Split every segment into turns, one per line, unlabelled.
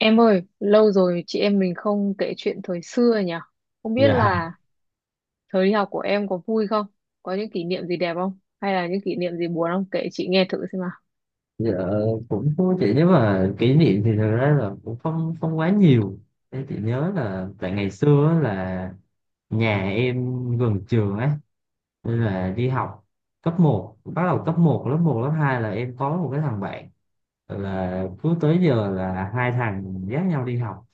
Em ơi, lâu rồi chị em mình không kể chuyện thời xưa nhỉ? Không biết
dạ
là thời đi học của em có vui không? Có những kỷ niệm gì đẹp không? Hay là những kỷ niệm gì buồn không? Kể chị nghe thử xem nào.
dạ cũng thú chị. Nếu mà kỷ niệm thì thật ra là cũng không không quá nhiều. Em chỉ nhớ là tại ngày xưa á, là nhà em gần trường ấy, nên là đi học cấp một, bắt đầu cấp một lớp 2 là em có một cái thằng bạn, là cứ tới giờ là hai thằng dắt nhau đi học,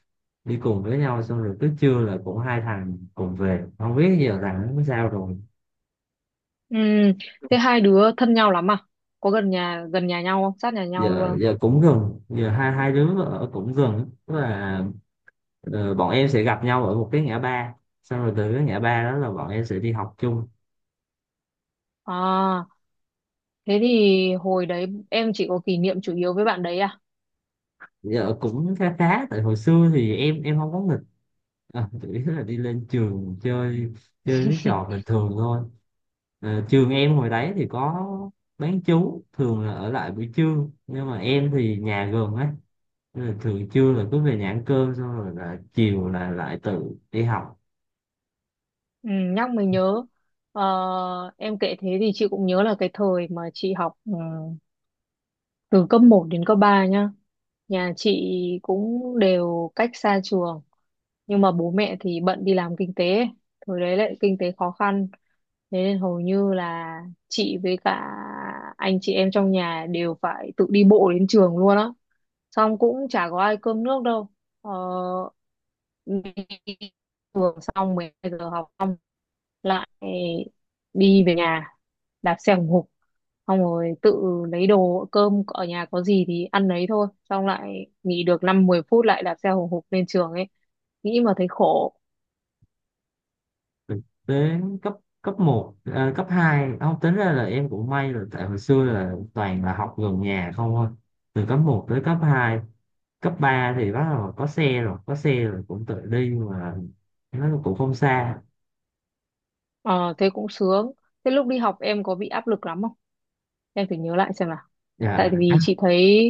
đi cùng với nhau, xong rồi cứ trưa là cũng hai thằng cùng về. Không biết giờ thằng nó sao rồi.
Ừm, thế hai đứa thân nhau lắm à? Có gần nhà nhau không? Sát nhà nhau luôn
giờ
không?
giờ cũng gần, giờ hai hai đứa ở cũng gần, tức là ờ, bọn em sẽ gặp nhau ở một cái ngã ba, xong rồi từ cái ngã ba đó là bọn em sẽ đi học chung.
À, thế thì hồi đấy em chỉ có kỷ niệm chủ yếu với bạn đấy à?
Giờ cũng khá khá, tại hồi xưa thì em không có nghịch, à, chủ yếu là đi lên trường chơi, chơi mấy trò bình thường thôi. Ờ, trường em hồi đấy thì có bán trú, thường là ở lại buổi trưa, nhưng mà em thì nhà gần ấy, nên là thường trưa là cứ về nhà ăn cơm, xong rồi là chiều là lại tự đi học.
Ừ, nhắc mới nhớ. Ờ, em kể thế thì chị cũng nhớ là cái thời mà chị học từ cấp một đến cấp 3 nhá, nhà chị cũng đều cách xa trường nhưng mà bố mẹ thì bận đi làm kinh tế ấy. Thời đấy lại kinh tế khó khăn, thế nên hầu như là chị với cả anh chị em trong nhà đều phải tự đi bộ đến trường luôn á, xong cũng chả có ai cơm nước đâu. ờ, Đi trường xong 12 giờ học xong lại đi về nhà, đạp xe hùng hục, xong rồi tự lấy đồ cơm ở nhà có gì thì ăn đấy thôi, xong lại nghỉ được năm mười phút lại đạp xe hùng hục lên trường ấy, nghĩ mà thấy khổ.
Thực tế cấp cấp một, à, cấp 2 không tính, ra là em cũng may là tại hồi xưa là toàn là học gần nhà không thôi, từ cấp một tới cấp hai. Cấp 3 thì bắt đầu có xe rồi, có xe rồi cũng tự đi mà, nó cũng không xa.
Ờ thế cũng sướng. Thế lúc đi học em có bị áp lực lắm không, em phải nhớ lại xem nào. Tại
Dạ,
vì chị thấy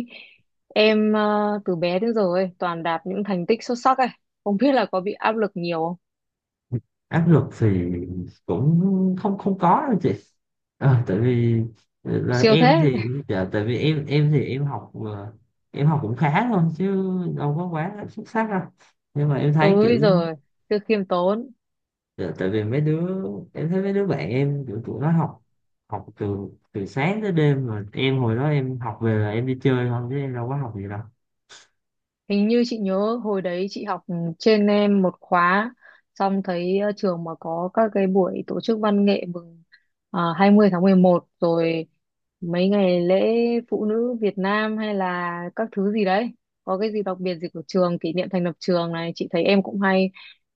em từ bé đến giờ ấy toàn đạt những thành tích xuất sắc ấy, không biết là có bị áp lực nhiều không.
áp lực thì cũng không không có đâu chị. Ờ, tại vì là
Siêu
em thì
thế.
dạ, tại vì em thì em học em học cũng khá thôi chứ, đâu có quá xuất sắc đâu, nhưng mà em thấy
Ôi
kiểu
giời, cứ khiêm tốn.
dạ, tại vì mấy đứa, em thấy mấy đứa bạn em kiểu tụi nó học, học từ từ sáng tới đêm, mà em hồi đó em học về là em đi chơi không chứ em đâu có học gì đâu.
Hình như chị nhớ hồi đấy chị học trên em một khóa, xong thấy trường mà có các cái buổi tổ chức văn nghệ mừng 20 tháng 11 rồi mấy ngày lễ phụ nữ Việt Nam hay là các thứ gì đấy. Có cái gì đặc biệt gì của trường, kỷ niệm thành lập trường này, chị thấy em cũng hay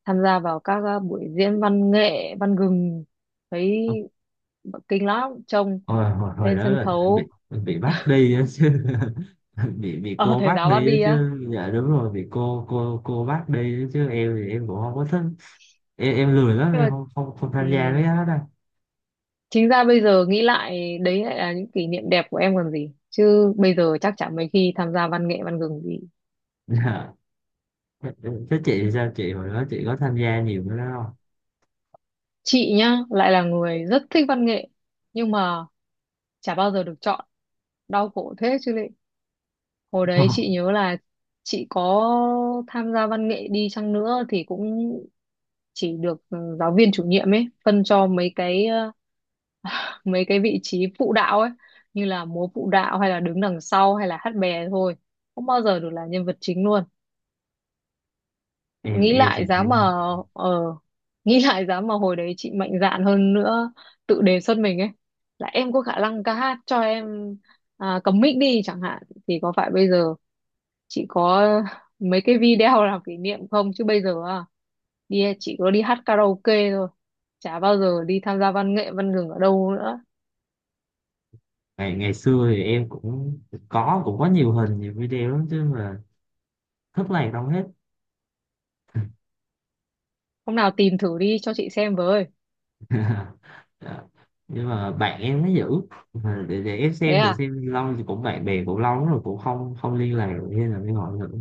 tham gia vào các buổi diễn văn nghệ, văn gừng. Thấy
Ờ,
kinh lắm trông
hồi
lên
đó
sân
là em bị
khấu,
em bị bắt đi á chứ, bị
ở
cô
thầy
bắt
giáo bắt
đi á
đi á.
chứ, dạ đúng rồi, bị cô bắt đi á chứ. Em thì em cũng không có thích, em lười lắm,
Nhưng
em
mà
không không, không
ừ,
tham gia mấy cái đó đâu.
chính ra bây giờ nghĩ lại đấy lại là những kỷ niệm đẹp của em còn gì, chứ bây giờ chắc chắn mấy khi tham gia văn nghệ văn gừng thì.
Dạ, thế chị thì sao, chị hồi đó chị có tham gia nhiều cái đó
Chị nhá lại là người rất thích văn nghệ nhưng mà chả bao giờ được chọn, đau khổ thế chứ lị. Hồi
không?
đấy chị nhớ là chị có tham gia văn nghệ đi chăng nữa thì cũng chỉ được giáo viên chủ nhiệm ấy phân cho mấy cái vị trí phụ đạo ấy, như là múa phụ đạo hay là đứng đằng sau hay là hát bè thôi, không bao giờ được là nhân vật chính luôn.
em
Nghĩ
em thì
lại giá mà
em
ờ nghĩ lại giá mà hồi đấy chị mạnh dạn hơn nữa, tự đề xuất mình ấy là em có khả năng ca hát cho em, à, cầm mic đi chẳng hạn thì có phải bây giờ chị có mấy cái video làm kỷ niệm không, chứ bây giờ à, đi chị có đi hát karaoke thôi, chả bao giờ đi tham gia văn nghệ văn gừng ở đâu nữa.
ngày ngày xưa thì em cũng có, cũng có nhiều hình, nhiều video lắm chứ mà thất lạc đâu hết.
Hôm nào tìm thử đi cho chị xem với.
Dạ, nhưng mà bạn em nó giữ. Mà để em
Thế
xem thử
à,
xem, lâu thì cũng bạn bè cũng lâu lắm rồi, cũng không không liên lạc được, hay là mới hỏi thử.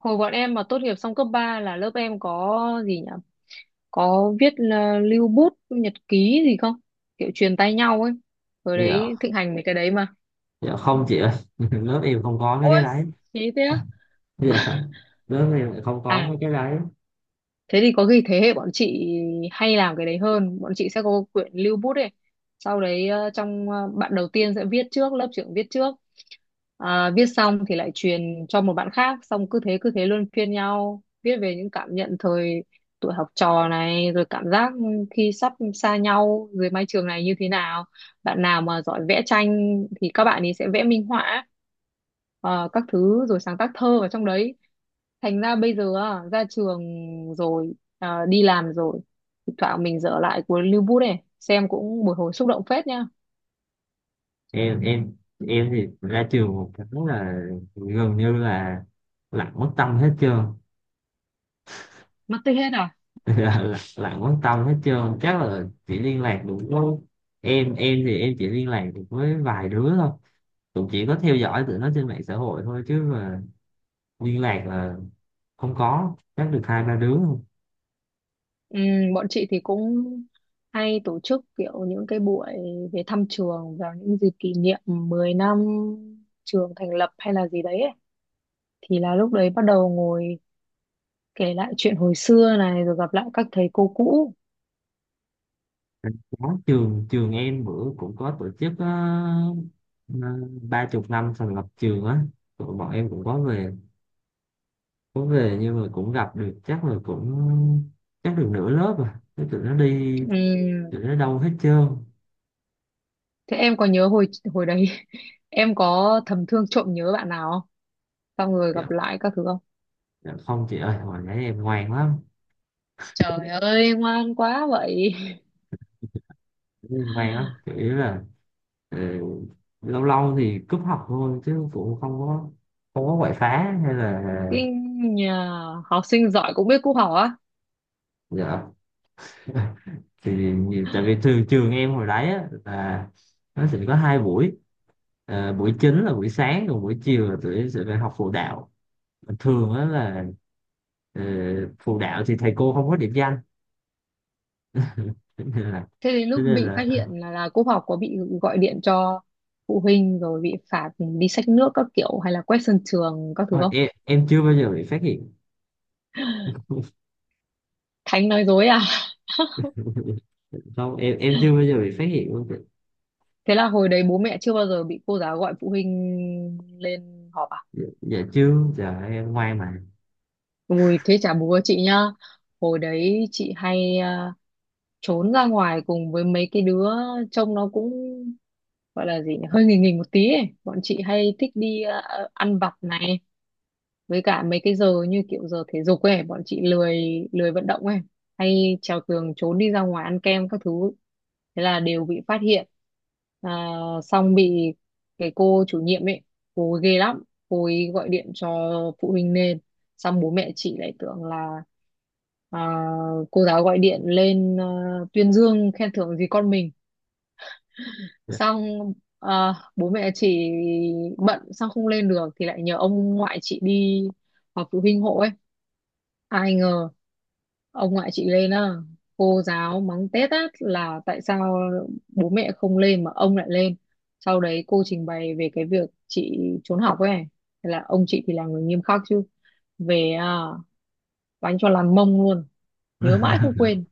hồi bọn em mà tốt nghiệp xong cấp 3 là lớp em có gì nhỉ, có viết là lưu bút nhật ký gì không, kiểu truyền tay nhau ấy, hồi
Dạ,
đấy thịnh hành mấy cái đấy mà.
dạ, không chị ơi, lớp em không có mấy cái
Ôi
đấy.
chí thế á?
Dạ, lớp em lại không có
À
mấy cái đấy.
thế thì có khi thế hệ bọn chị hay làm cái đấy hơn, bọn chị sẽ có quyển lưu bút ấy, sau đấy trong bạn đầu tiên sẽ viết trước, lớp trưởng viết trước, à, viết xong thì lại truyền cho một bạn khác, xong cứ thế luân phiên nhau viết về những cảm nhận thời tuổi học trò này rồi cảm giác khi sắp xa nhau dưới mái trường này như thế nào. Bạn nào mà giỏi vẽ tranh thì các bạn ấy sẽ vẽ minh họa các thứ rồi sáng tác thơ vào trong đấy. Thành ra bây giờ á, ra trường rồi à, đi làm rồi, thỉnh thoảng mình dở lại cuốn Lưu Bút này xem cũng một hồi xúc động phết nha.
Em em em thì ra trường một cái là gần như là lặng mất tâm hết trơn.
Mất tích hết à?
Lặng quan tâm hết trơn, chắc là chỉ liên lạc được với, em thì em chỉ liên lạc được với vài đứa thôi, cũng chỉ có theo dõi tụi nó trên mạng xã hội thôi chứ mà, liên lạc là không có chắc được hai ba đứa thôi.
Bọn chị thì cũng hay tổ chức kiểu những cái buổi về thăm trường vào những dịp kỷ niệm 10 năm trường thành lập hay là gì đấy ấy. Thì là lúc đấy bắt đầu ngồi kể lại chuyện hồi xưa này rồi gặp lại các thầy cô cũ.
Có, trường trường em bữa cũng có tổ chức ờ, 30 năm thành lập trường á, tụi bọn em cũng có về, có về nhưng mà cũng gặp được chắc là cũng chắc được nửa lớp rồi. Thế tụi nó đi,
Ừm,
tụi nó đâu hết trơn.
Thế em có nhớ hồi hồi đấy em có thầm thương trộm nhớ bạn nào xong rồi
Dạ,
gặp lại các thứ không.
dạ không chị ơi, hồi nãy em ngoan lắm.
Trời ơi ngoan quá vậy.
Em ngoan lắm, chủ yếu là ờ, lâu lâu thì cúp học thôi, chứ cũng không có, không có quậy phá hay là
Kinh nhà, học sinh giỏi cũng biết cúp học á.
dạ. Thì nhiều- tại vì trường trường em hồi đấy á, là nó sẽ có hai buổi. Ờ, buổi chính là buổi sáng, còn buổi chiều là tụi em sẽ phải học phụ đạo. Mà thường á là ờ, phụ đạo thì thầy cô không có điểm danh. Cho nên là
Thế đến
cho
lúc
nên
bị phát
là
hiện là cúp học có bị gọi điện cho phụ huynh rồi bị phạt đi xách nước các kiểu hay là quét sân trường các thứ
ôi,
không.
em chưa bao giờ bị phát hiện.
Thánh nói dối à.
Không, em chưa bao giờ bị phát hiện luôn.
Thế là hồi đấy bố mẹ chưa bao giờ bị cô giáo gọi phụ huynh lên họp à.
Dạ, dạ chứ, giờ em ngoan mà.
Ui thế chả bố chị nhá, hồi đấy chị hay trốn ra ngoài cùng với mấy cái đứa trông nó cũng gọi là gì nhỉ, hơi nghỉ nghỉ một tí ấy. Bọn chị hay thích đi ăn vặt này, với cả mấy cái giờ như kiểu giờ thể dục ấy bọn chị lười lười vận động ấy, hay trèo tường trốn đi ra ngoài ăn kem các thứ, thế là đều bị phát hiện, à, xong bị cái cô chủ nhiệm ấy, cô ấy ghê lắm, cô ấy gọi điện cho phụ huynh lên, xong bố mẹ chị lại tưởng là à, cô giáo gọi điện lên tuyên dương khen thưởng gì con mình,
Dạ.
xong bố mẹ chị bận xong không lên được thì lại nhờ ông ngoại chị đi họp phụ huynh hộ ấy. Ai ngờ ông ngoại chị lên á, cô giáo mắng tét á là tại sao bố mẹ không lên mà ông lại lên, sau đấy cô trình bày về cái việc chị trốn học ấy. Thế là ông chị thì là người nghiêm khắc chứ, về đánh cho làm mông luôn, nhớ mãi không quên.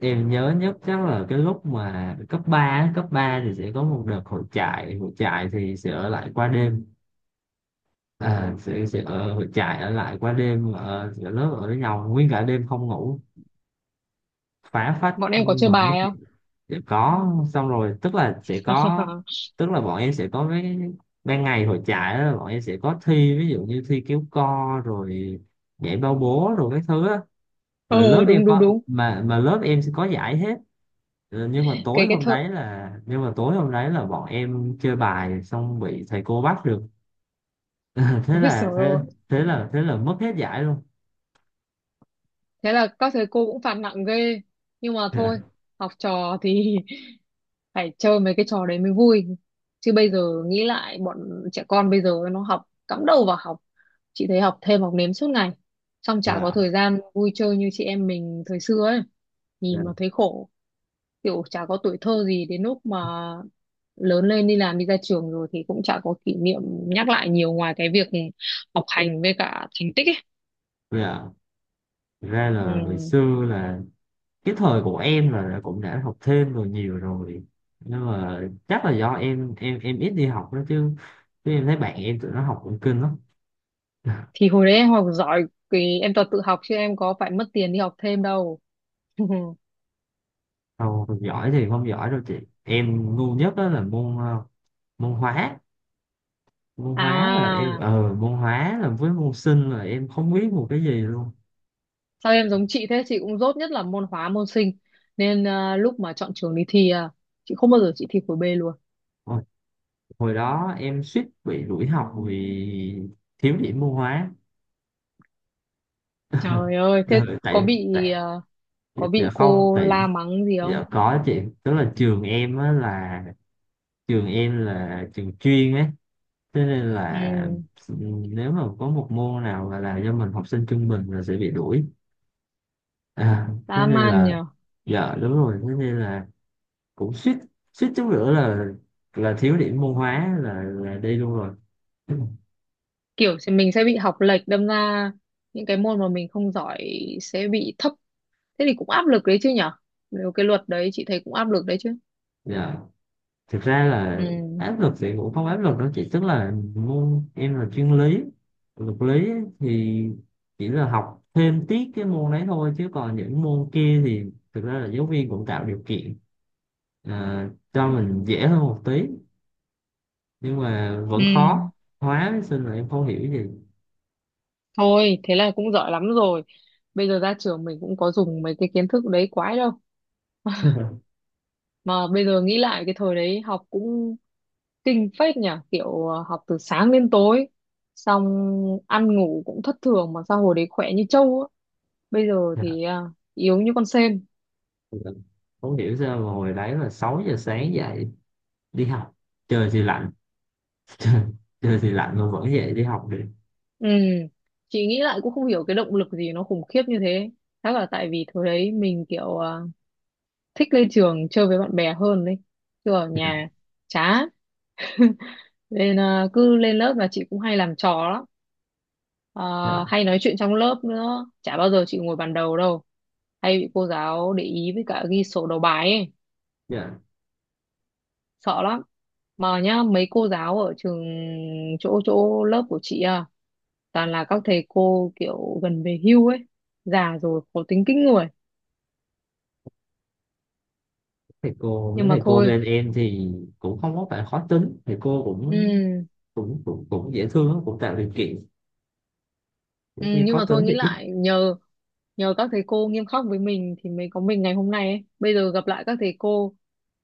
Em nhớ nhất chắc là cái lúc mà cấp 3 á, cấp 3 thì sẽ có một đợt hội trại, hội trại thì sẽ ở lại qua đêm, à, sẽ ở hội trại, ở lại qua đêm ở lớp ở với nhau nguyên cả đêm không ngủ, phá phách
Bọn em có chơi
ngồi nói
bài
chuyện.
không?
Sẽ có, xong rồi tức là sẽ có, tức là bọn em sẽ có cái ban ngày hội trại đó, bọn em sẽ có thi, ví dụ như thi kéo co rồi nhảy bao bố rồi cái thứ á. Là lớp
Ờ
em
đúng đúng
có,
đúng.
mà lớp em sẽ có giải hết. Ờ, nhưng mà
cái
tối
cái
hôm
thợ,
đấy là, nhưng mà tối hôm đấy là bọn em chơi bài xong bị thầy cô bắt được. thế
ôi trời
là thế
ơi,
thế là mất hết giải luôn.
thế là các thầy cô cũng phạt nặng ghê, nhưng mà thôi học trò thì phải chơi mấy cái trò đấy mới vui. Chứ bây giờ nghĩ lại bọn trẻ con bây giờ nó học cắm đầu vào học, chị thấy học thêm học nếm suốt ngày, xong chả
Dạ,
có thời gian vui chơi như chị em mình thời xưa ấy, nhìn
dạ,
mà thấy khổ, kiểu chả có tuổi thơ gì. Đến lúc mà lớn lên đi làm đi ra trường rồi thì cũng chả có kỷ niệm nhắc lại nhiều ngoài cái việc học hành với cả thành tích ấy.
dạ. Ra
Ừ.
là hồi xưa là cái thời của em là đã- cũng đã học thêm rồi, nhiều rồi, nhưng mà chắc là do em ít đi học đó chứ, chứ em thấy bạn em tụi nó học cũng kinh lắm.
Thì hồi đấy em học giỏi thì em toàn tự học chứ em có phải mất tiền đi học thêm đâu.
không không giỏi thì không giỏi đâu chị. Em ngu nhất đó là môn ờ, môn hóa, môn hóa là em
À
ờ môn hóa là với môn sinh là em không biết một cái gì luôn.
sao em giống chị thế, chị cũng dốt nhất là môn hóa môn sinh, nên lúc mà chọn trường đi thi chị không bao giờ chị thi khối B luôn.
Hồi, hồi đó em suýt bị đuổi học vì thiếu điểm môn hóa.
Trời ơi thế
Giờ-
có
tại
bị
tại
à, có
giờ
bị
không,
cô
tại
la mắng gì
giờ
không.
có chuyện, tức là trường em á là trường em là trường chuyên ấy, cho nên là
Ừ
nếu mà có một môn nào mà là do mình học sinh trung bình là sẽ bị đuổi. À, thế
dã
nên
man
là
nhờ.
dạ đúng rồi, thế nên là cũng suýt, suýt chút nữa là thiếu điểm môn hóa là đi luôn rồi.
Kiểu thì mình sẽ bị học lệch, đâm ra những cái môn mà mình không giỏi sẽ bị thấp, thế thì cũng áp lực đấy chứ nhở, nếu cái luật đấy chị thấy cũng áp lực đấy chứ.
Dạ, thực ra là
Ừ.
áp lực thì cũng không áp lực đâu chị, tức là môn em là chuyên lý, luật lý ấy, thì chỉ là học thêm tiết cái môn đấy thôi, chứ còn những môn kia thì thực ra là giáo viên cũng tạo điều kiện, à, cho mình dễ hơn một tí, nhưng mà vẫn khó.
Ừ.
Hóa với sinh là em không hiểu gì.
Thôi, thế là cũng giỏi lắm rồi. Bây giờ ra trường mình cũng có dùng mấy cái kiến thức đấy quái đâu. Mà bây giờ nghĩ lại cái thời đấy học cũng kinh phết nhỉ, kiểu học từ sáng đến tối, xong ăn ngủ cũng thất thường mà sao hồi đấy khỏe như trâu á. Bây giờ thì yếu như con sên.
Dạ, không hiểu sao mà hồi đấy là 6 giờ sáng dậy đi học, trời thì lạnh, Trời, chơi thì lạnh mà vẫn dậy đi học được.
Ừ, chị nghĩ lại cũng không hiểu cái động lực gì nó khủng khiếp như thế. Chắc là tại vì thời đấy mình kiểu thích lên trường chơi với bạn bè hơn đấy. Chứ ở
Dạ,
nhà chán, nên cứ lên lớp là chị cũng hay làm trò lắm.
dạ,
Ờ, Hay nói chuyện trong lớp nữa, chả bao giờ chị ngồi bàn đầu đâu, hay bị cô giáo để ý với cả ghi sổ đầu bài ấy,
dạ.
sợ lắm. Mà nhá mấy cô giáo ở trường chỗ chỗ lớp của chị à, toàn là các thầy cô kiểu gần về hưu ấy, già rồi khó tính kinh người,
Thầy cô, mấy
nhưng mà
thầy cô
thôi.
bên em thì cũng không có phải khó tính, thầy cô cũng
Ừ.
cũng dễ thương, cũng tạo điều kiện,
Ừ,
những khi
nhưng
khó
mà thôi
tính thì
nghĩ
ít.
lại nhờ nhờ các thầy cô nghiêm khắc với mình thì mới có mình ngày hôm nay ấy. Bây giờ gặp lại các thầy cô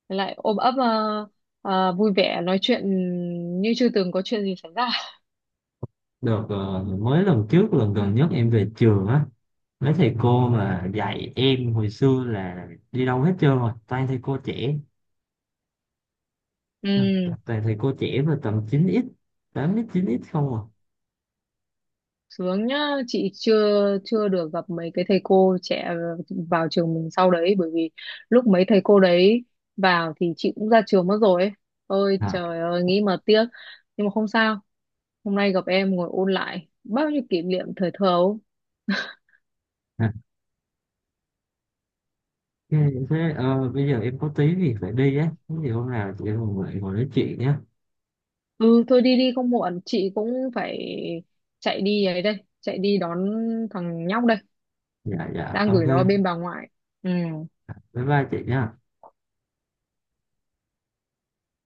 lại ôm ấp, vui vẻ nói chuyện như chưa từng có chuyện gì xảy ra.
Được ờ, mới lần trước, lần gần nhất em về trường á, mấy thầy cô mà dạy em hồi xưa là đi đâu hết trơn rồi, toàn thầy cô trẻ,
Ừ,
toàn thầy cô trẻ mà tầm 9x, 8x 9x không
sướng nhá, chị chưa chưa được gặp mấy cái thầy cô trẻ vào trường mình sau đấy, bởi vì lúc mấy thầy cô đấy vào thì chị cũng ra trường mất rồi ấy. Ôi
à.
trời ơi, nghĩ mà tiếc. Nhưng mà không sao, hôm nay gặp em ngồi ôn lại bao nhiêu kỷ niệm thời thơ ấu.
Dạ. Ok, thế ờ, bây giờ em có tí thì phải đi á. Thế thì hôm nào chị em mình lại ngồi nói chuyện nhé.
Ừ thôi đi đi không muộn. Chị cũng phải chạy đi ấy đây, chạy đi đón thằng nhóc đây,
Dạ, dạ,
đang
ok.
gửi nó ở bên bà ngoại. Ừ
Bye bye chị nhá.